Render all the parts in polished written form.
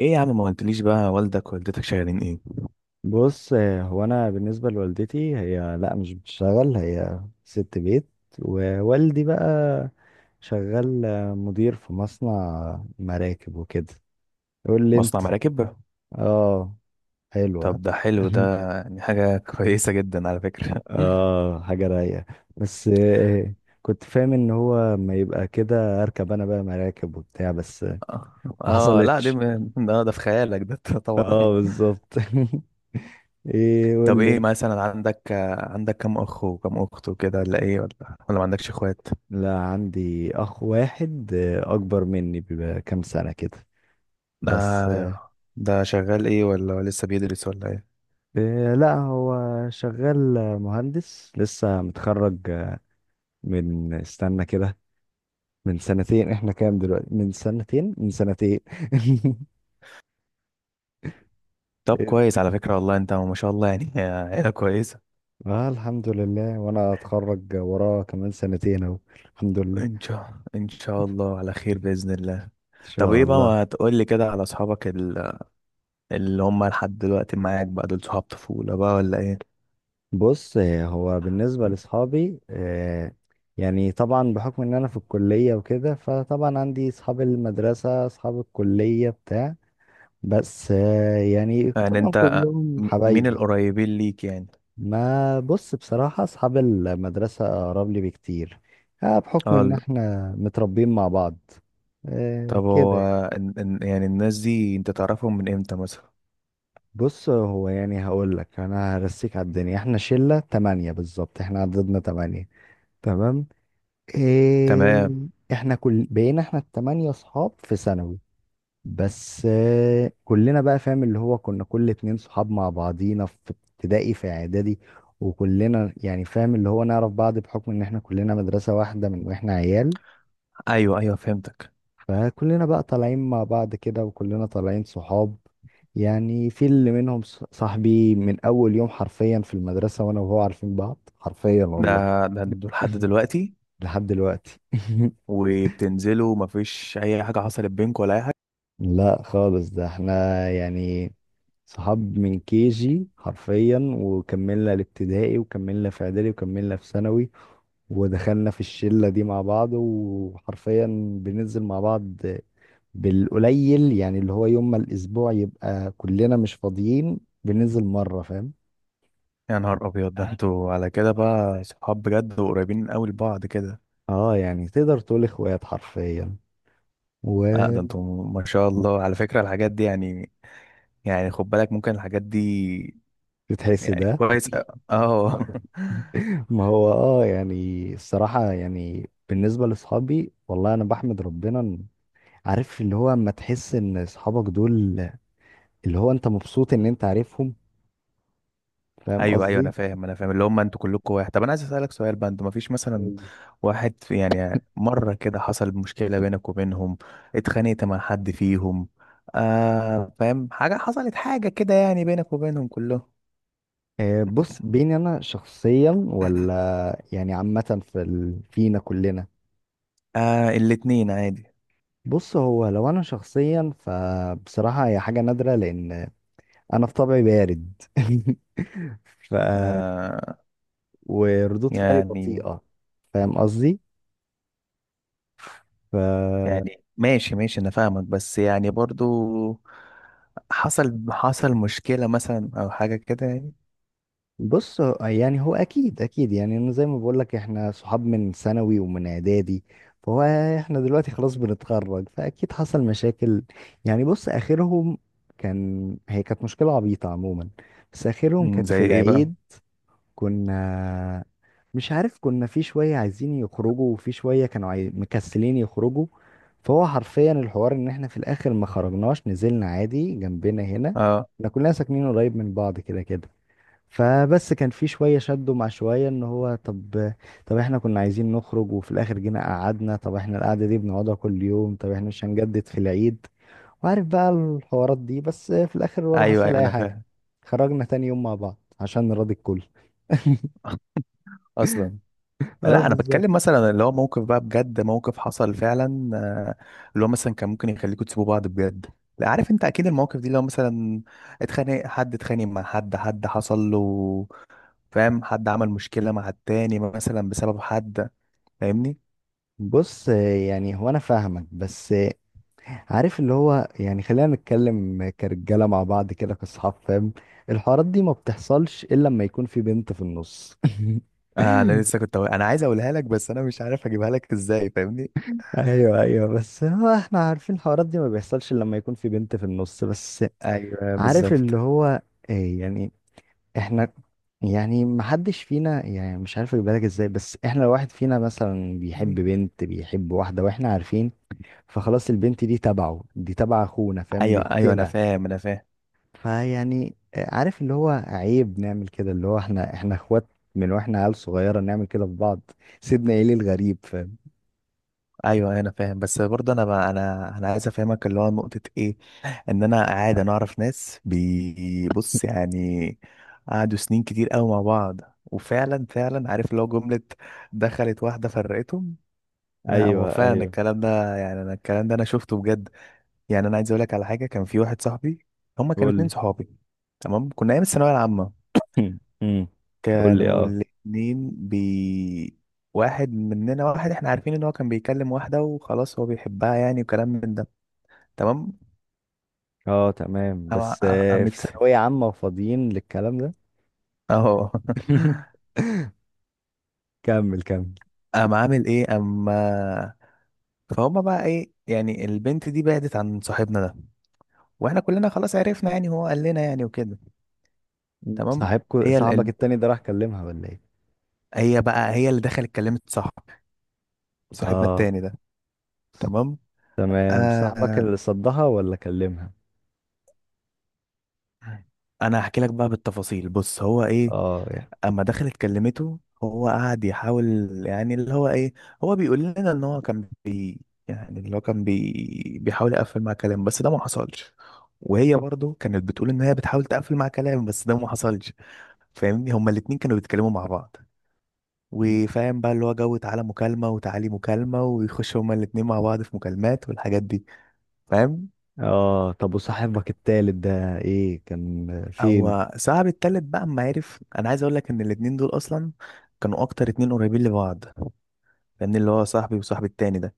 ايه يا عم، ما قلتليش بقى، والدك ووالدتك شغالين ايه؟ بص هو انا بالنسبه لوالدتي، هي لا مش بتشتغل، هي ست بيت. ووالدي بقى شغال مدير في مصنع مراكب وكده. قول لي مصنع انت. مراكب. اه، حلوه. طب ده حلو، ده يعني حاجة كويسة جدا على فكرة. اه، حاجه رايقه. بس كنت فاهم ان هو ما يبقى كده، اركب انا بقى مراكب وبتاع. بس اه. ما آه، لا، دي حصلتش. ده في خيالك ده. طبعا. اه بالظبط. ايه؟ قول طب، ايه لي. مثلا عندك كم اخ وكم اخت وكده، ولا ايه، ولا ما عندكش اخوات؟ لا، عندي اخ واحد اكبر مني بكام سنة كده. بس ده ده شغال ايه، ولا لسه بيدرس، ولا ايه؟ لا هو شغال مهندس لسه متخرج من، استنى كده، من سنتين. احنا كام دلوقتي؟ من سنتين، طب كويس على فكرة، والله انت ما شاء الله يعني. عيلة كويسة. اه، الحمد لله. وانا اتخرج وراه كمان سنتين اهو. الحمد لله. ان شاء الله على خير بإذن الله. ان طب شاء ايه بقى، الله. ما تقول لي كده على اصحابك، اللي هم لحد دلوقتي معاك بقى، دول صحاب طفولة بقى، ولا ايه؟ بص هو بالنسبة لأصحابي يعني طبعا بحكم إن أنا في الكلية وكده، فطبعا عندي أصحاب المدرسة أصحاب الكلية بتاع. بس يعني يعني طبعا انت، كلهم مين حبايبي. القريبين ليك يعني؟ ما بص، بصراحة أصحاب المدرسة أقرب لي بكتير بحكم اه إن إحنا متربيين مع بعض طب كده هو، يعني. يعني الناس دي انت تعرفهم من امتى مثلا؟ بص هو يعني هقول لك، أنا هرسيك على الدنيا. إحنا شلة تمانية بالظبط، إحنا عددنا تمانية. تمام. إيه. تمام. احنا كل بقينا، احنا التمانية صحاب في ثانوي. بس كلنا بقى فاهم اللي هو، كنا كل اتنين صحاب مع بعضينا في ابتدائي، في اعدادي. وكلنا يعني فاهم اللي هو نعرف بعض بحكم ان احنا كلنا مدرسة واحدة من واحنا عيال. ايوه ايوه، فهمتك. فكلنا بقى طالعين مع بعض كده، وكلنا طالعين صحاب. يعني في اللي منهم صاحبي من اول يوم حرفيا في المدرسة، وانا وهو عارفين بعض حرفيا ده والله. ده دول لحد دلوقتي؟ لحد دلوقتي. وبتنزلوا، مفيش اي حاجة حصلت بينكم ولا اي حاجة؟ لا خالص، ده احنا يعني صحاب من كي جي حرفيا، وكملنا الابتدائي وكملنا في اعدادي وكملنا في ثانوي. ودخلنا في الشلة دي مع بعض، وحرفيا بننزل مع بعض. بالقليل يعني، اللي هو يوم ما الاسبوع يبقى كلنا مش فاضيين بننزل مرة، فاهم؟ يا نهار ابيض، ده انتوا على كده بقى صحاب بجد، وقريبين قوي لبعض كده. اه يعني تقدر تقول اخوات حرفيا. اه، ده وبتحس. انتوا ما شاء الله على فكرة، الحاجات دي يعني، يعني خد بالك، ممكن الحاجات دي يعني ده، كويس. اه. ما هو اه، يعني الصراحة يعني، بالنسبة لاصحابي والله انا بحمد ربنا. عارف اللي هو، اما تحس ان اصحابك دول، اللي هو انت مبسوط ان انت عارفهم، فاهم ايوه ايوه، انا قصدي؟ فاهم انا فاهم، اللي هم انتوا كلكم واحد. طب انا عايز اسالك سؤال بقى، انتوا ما فيش مثلا قولي. واحد، في يعني مره كده حصل مشكله بينك وبينهم؟ اتخانقت مع حد فيهم؟ آه، فاهم، حاجه حصلت، حاجه كده يعني بينك وبينهم كلهم؟ بص، بيني انا شخصيا ولا يعني عامة في فينا كلنا؟ آه، الاتنين عادي. بص هو، لو انا شخصيا فبصراحة هي حاجة نادرة، لان انا في طبعي بارد. ف آه، وردود فعلي يعني، بطيئة. فاهم قصدي؟ ف يعني ماشي ماشي، انا فاهمك، بس يعني برضو حصل مشكله مثلا، او حاجه كده يعني؟ بص يعني، هو اكيد اكيد يعني انا زي ما بقول لك، احنا صحاب من ثانوي ومن اعدادي. فهو، احنا دلوقتي خلاص بنتخرج، فاكيد حصل مشاكل. يعني بص اخرهم، كان، هي كانت مشكلة عبيطة عموما، بس اخرهم مم، كانت في زي ايه بقى؟ العيد. كنا، مش عارف، كنا في شوية عايزين يخرجوا وفي شوية كانوا مكسلين يخرجوا. فهو حرفيا الحوار ان احنا في الاخر ما خرجناش، نزلنا عادي جنبنا هنا. آه. احنا كلنا ساكنين قريب من بعض كده كده. فبس كان في شوية شدوا مع شوية، ان هو طب طب احنا كنا عايزين نخرج، وفي الاخر جينا قعدنا، طب احنا القعدة دي بنقعدها كل يوم، طب احنا مش هنجدد في العيد. وعارف بقى الحوارات دي، بس في الاخر ولا ايوه حصل ايوه، اي انا حاجة. فاهم. خرجنا تاني يوم مع بعض عشان نراضي الكل. اصلا اه لا، انا بالظبط. بتكلم مثلا اللي هو موقف بقى بجد، موقف حصل فعلا، آه، اللي هو مثلا كان ممكن يخليكوا تسيبوا بعض بجد. لا، عارف انت، اكيد المواقف دي لو مثلا اتخانق مع حد، حد حصل له، فاهم، حد عمل مشكلة مع التاني مثلا بسبب حد، فاهمني؟ بص يعني، هو انا فاهمك، بس عارف اللي هو يعني، خلينا نتكلم كرجاله مع بعض كده كاصحاب، فاهم؟ الحوارات دي ما بتحصلش الا لما يكون في بنت في النص. آه، انا لسه كنت انا عايز اقولها لك، بس انا مش عارف اجيبها لك ازاي، فاهمني؟ ايوه ايوه، بس هو احنا عارفين الحوارات دي ما بيحصلش إلا لما يكون في بنت في النص بس. ايوه عارف بالظبط. اللي هو إيه يعني، احنا، يعني محدش فينا، يعني مش عارف اجيب بالك ازاي، بس احنا لو واحد فينا مثلا بيحب بنت، بيحب واحدة واحنا عارفين. فخلاص البنت دي تبعه، دي تبع اخونا، فاهم، دي ايوه ايوه، انا اختنا. فاهم انا فاهم. فيعني عارف اللي هو، عيب نعمل كده، اللي هو احنا اخوات، من واحنا عيال صغيرة نعمل كده في بعض. سيدنا ايه الغريب، فاهم؟ ايوه أيوه، انا فاهم، بس برضه انا بقى انا عايز افهمك، اللي هو نقطه ايه. ان انا قاعد، انا اعرف ناس بيبص يعني، قعدوا سنين كتير قوي مع بعض، وفعلا فعلا عارف، لو جمله دخلت واحده فرقتهم. لا، هو ايوه فعلا ايوه، الكلام ده، يعني انا الكلام ده انا شفته بجد. يعني انا عايز اقول لك على حاجه، كان في واحد صاحبي، هما كانوا قول اتنين لي. صحابي، تمام. كنا ايام الثانويه العامه، مم. مم. قول لي. كانوا اه. الاتنين واحد مننا، واحد احنا عارفين ان هو كان بيكلم واحدة، وخلاص هو بيحبها يعني، وكلام من ده، تمام. اه تمام، بس في قامت، ثانوية عامة وفاضيين للكلام ده. اهو. كمل كمل. قام عامل ايه اما فهم بقى، ايه يعني، البنت دي بعدت عن صاحبنا ده، واحنا كلنا خلاص عرفنا، يعني هو قال لنا يعني، وكده، تمام. صاحبك هي ال... صاحبك ال- التاني ده راح كلمها ولا ايه؟ هي بقى، هي اللي دخلت كلمت صاحب، صاحبنا اه التاني ده، تمام. تمام، صاحبك آه، اللي صدها ولا كلمها؟ انا هحكي لك بقى بالتفاصيل، بص، هو ايه، اه يعني. اما دخلت كلمته هو قعد يحاول، يعني اللي هو ايه، هو بيقول لنا ان هو كان يعني اللي هو كان بيحاول يقفل مع كلام، بس ده ما حصلش. وهي برضو كانت بتقول ان هي بتحاول تقفل مع كلام، بس ده ما حصلش. فاهمني، هما الاتنين كانوا بيتكلموا مع بعض، وفاهم بقى اللي هو، جو تعالى مكالمة وتعالي مكالمة، ويخشوا هما الاتنين مع بعض في مكالمات، والحاجات دي، فاهم. اه، طب وصاحبك التالت ده ايه، كان فين؟ هو صاحب التالت بقى اما عرف، انا عايز اقول لك ان الاتنين دول اصلا كانوا اكتر اتنين قريبين لبعض، لان اللي هو صاحبي وصاحبي التاني ده،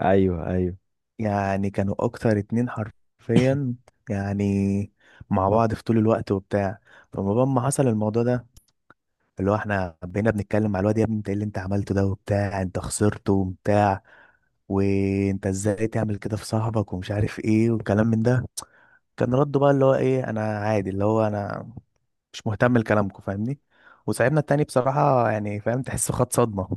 ايوه ايوه. يعني كانوا اكتر اتنين حرفيا، يعني مع بعض في طول الوقت وبتاع. فما ما حصل الموضوع ده، اللي هو احنا بقينا بنتكلم مع الواد، يا ابني انت ايه اللي انت عملته ده وبتاع، انت خسرته وبتاع، وانت ازاي تعمل كده في صاحبك، ومش عارف ايه، والكلام من ده. كان رده بقى اللي هو ايه، انا عادي، اللي هو انا مش مهتم لكلامكم، فاهمني. وصاحبنا التاني بصراحة يعني فاهم، تحسه خد صدمة،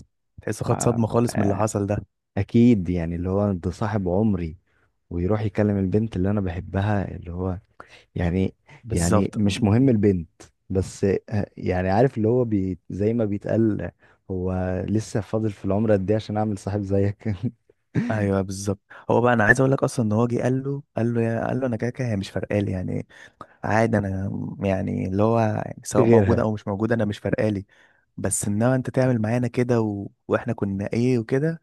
تحسه خد آه. صدمة خالص من اللي آه، حصل ده. اكيد يعني اللي هو، ده صاحب عمري، ويروح يكلم البنت اللي انا بحبها، اللي هو يعني يعني بالظبط. مش مهم البنت. بس يعني عارف اللي هو زي ما بيتقال، هو لسه فاضل في العمر قد ايه عشان اعمل صاحب زيك؟ ايوه بالظبط. هو بقى، انا عايز اقول لك اصلا ان هو جه قال له، انا كده كده هي مش فارقالي يعني، عادي انا، يعني اللي هو في سواء موجوده غيرها او مش موجوده، انا مش فارقالي. بس انما انت تعمل معانا كده، و... واحنا كنا ايه وكده،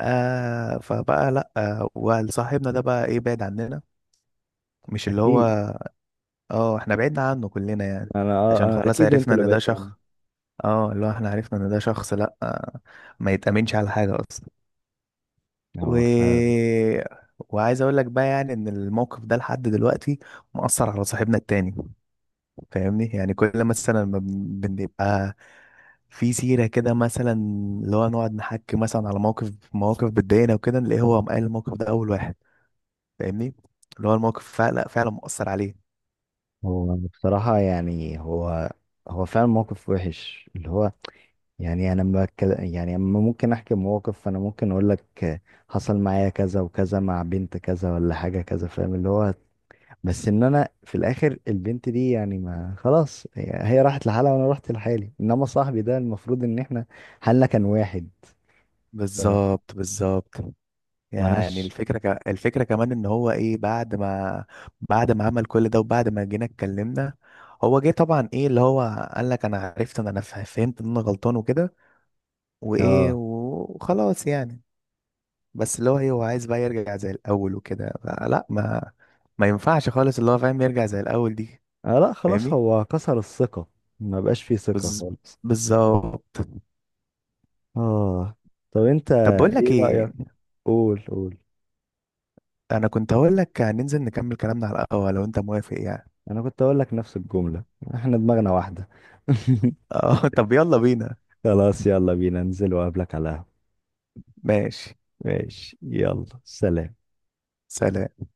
آه. فبقى لا، آه، وصاحبنا ده بقى ايه، بعد عننا، مش اللي هو، اكيد. اه احنا بعدنا عنه كلنا يعني، انا آه، عشان آه، خلاص اكيد انتوا عرفنا اللي ان ده بعدتوا عنه. شخص، اه اللي هو احنا عرفنا ان ده شخص، لا، آه، ما يتأمنش على حاجه اصلا. و... هو فعلا. وعايز اقول لك بقى يعني، ان الموقف ده لحد دلوقتي مأثر على صاحبنا التاني، فاهمني. يعني كل مثلا ما بنبقى في سيرة كده مثلا، اللي هو نقعد نحكي مثلا على مواقف بتضايقنا وكده، نلاقيه هو قال الموقف ده اول واحد، فاهمني، اللي هو الموقف فعلا فعلا مؤثر عليه. هو بصراحة يعني، هو فعلا موقف وحش اللي هو. يعني انا لما يعني اما ممكن احكي موقف، فانا ممكن اقول لك حصل معايا كذا وكذا مع بنت كذا ولا حاجة كذا، فاهم اللي هو. بس ان انا في الاخر، البنت دي يعني ما خلاص، هي راحت لحالها وانا رحت لحالي، انما صاحبي ده المفروض ان احنا حالنا كان واحد. بالظبط بالظبط. يعني فمالهاش. الفكرة الفكرة كمان ان هو ايه، بعد ما عمل كل ده، وبعد ما جينا اتكلمنا، هو جه طبعا ايه اللي هو قال لك انا عرفت ان انا فهمت ان انا غلطان، وكده، وايه، اه. وخلاص يعني. بس اللي هو ايه، هو عايز بقى يرجع زي الاول وكده، لا ما ينفعش خالص، اللي هو فاهم، يرجع زي الاول دي؟ آه لا، خلاص فاهمني. هو كسر الثقة، ما بقاش فيه ثقة بز... خالص. بالظبط. اه، طب انت، طب بقول لك ايه ايه، رأيك؟ قول قول. انا كنت هقول لك هننزل نكمل كلامنا على القهوة لو انت موافق يعني. انا كنت اقول لك نفس الجملة. احنا دماغنا واحدة. اه طب يلا بينا. خلاص، يلا بينا، انزل وقابلك على القهوة. ماشي، ماشي. يلا سلام. سلام.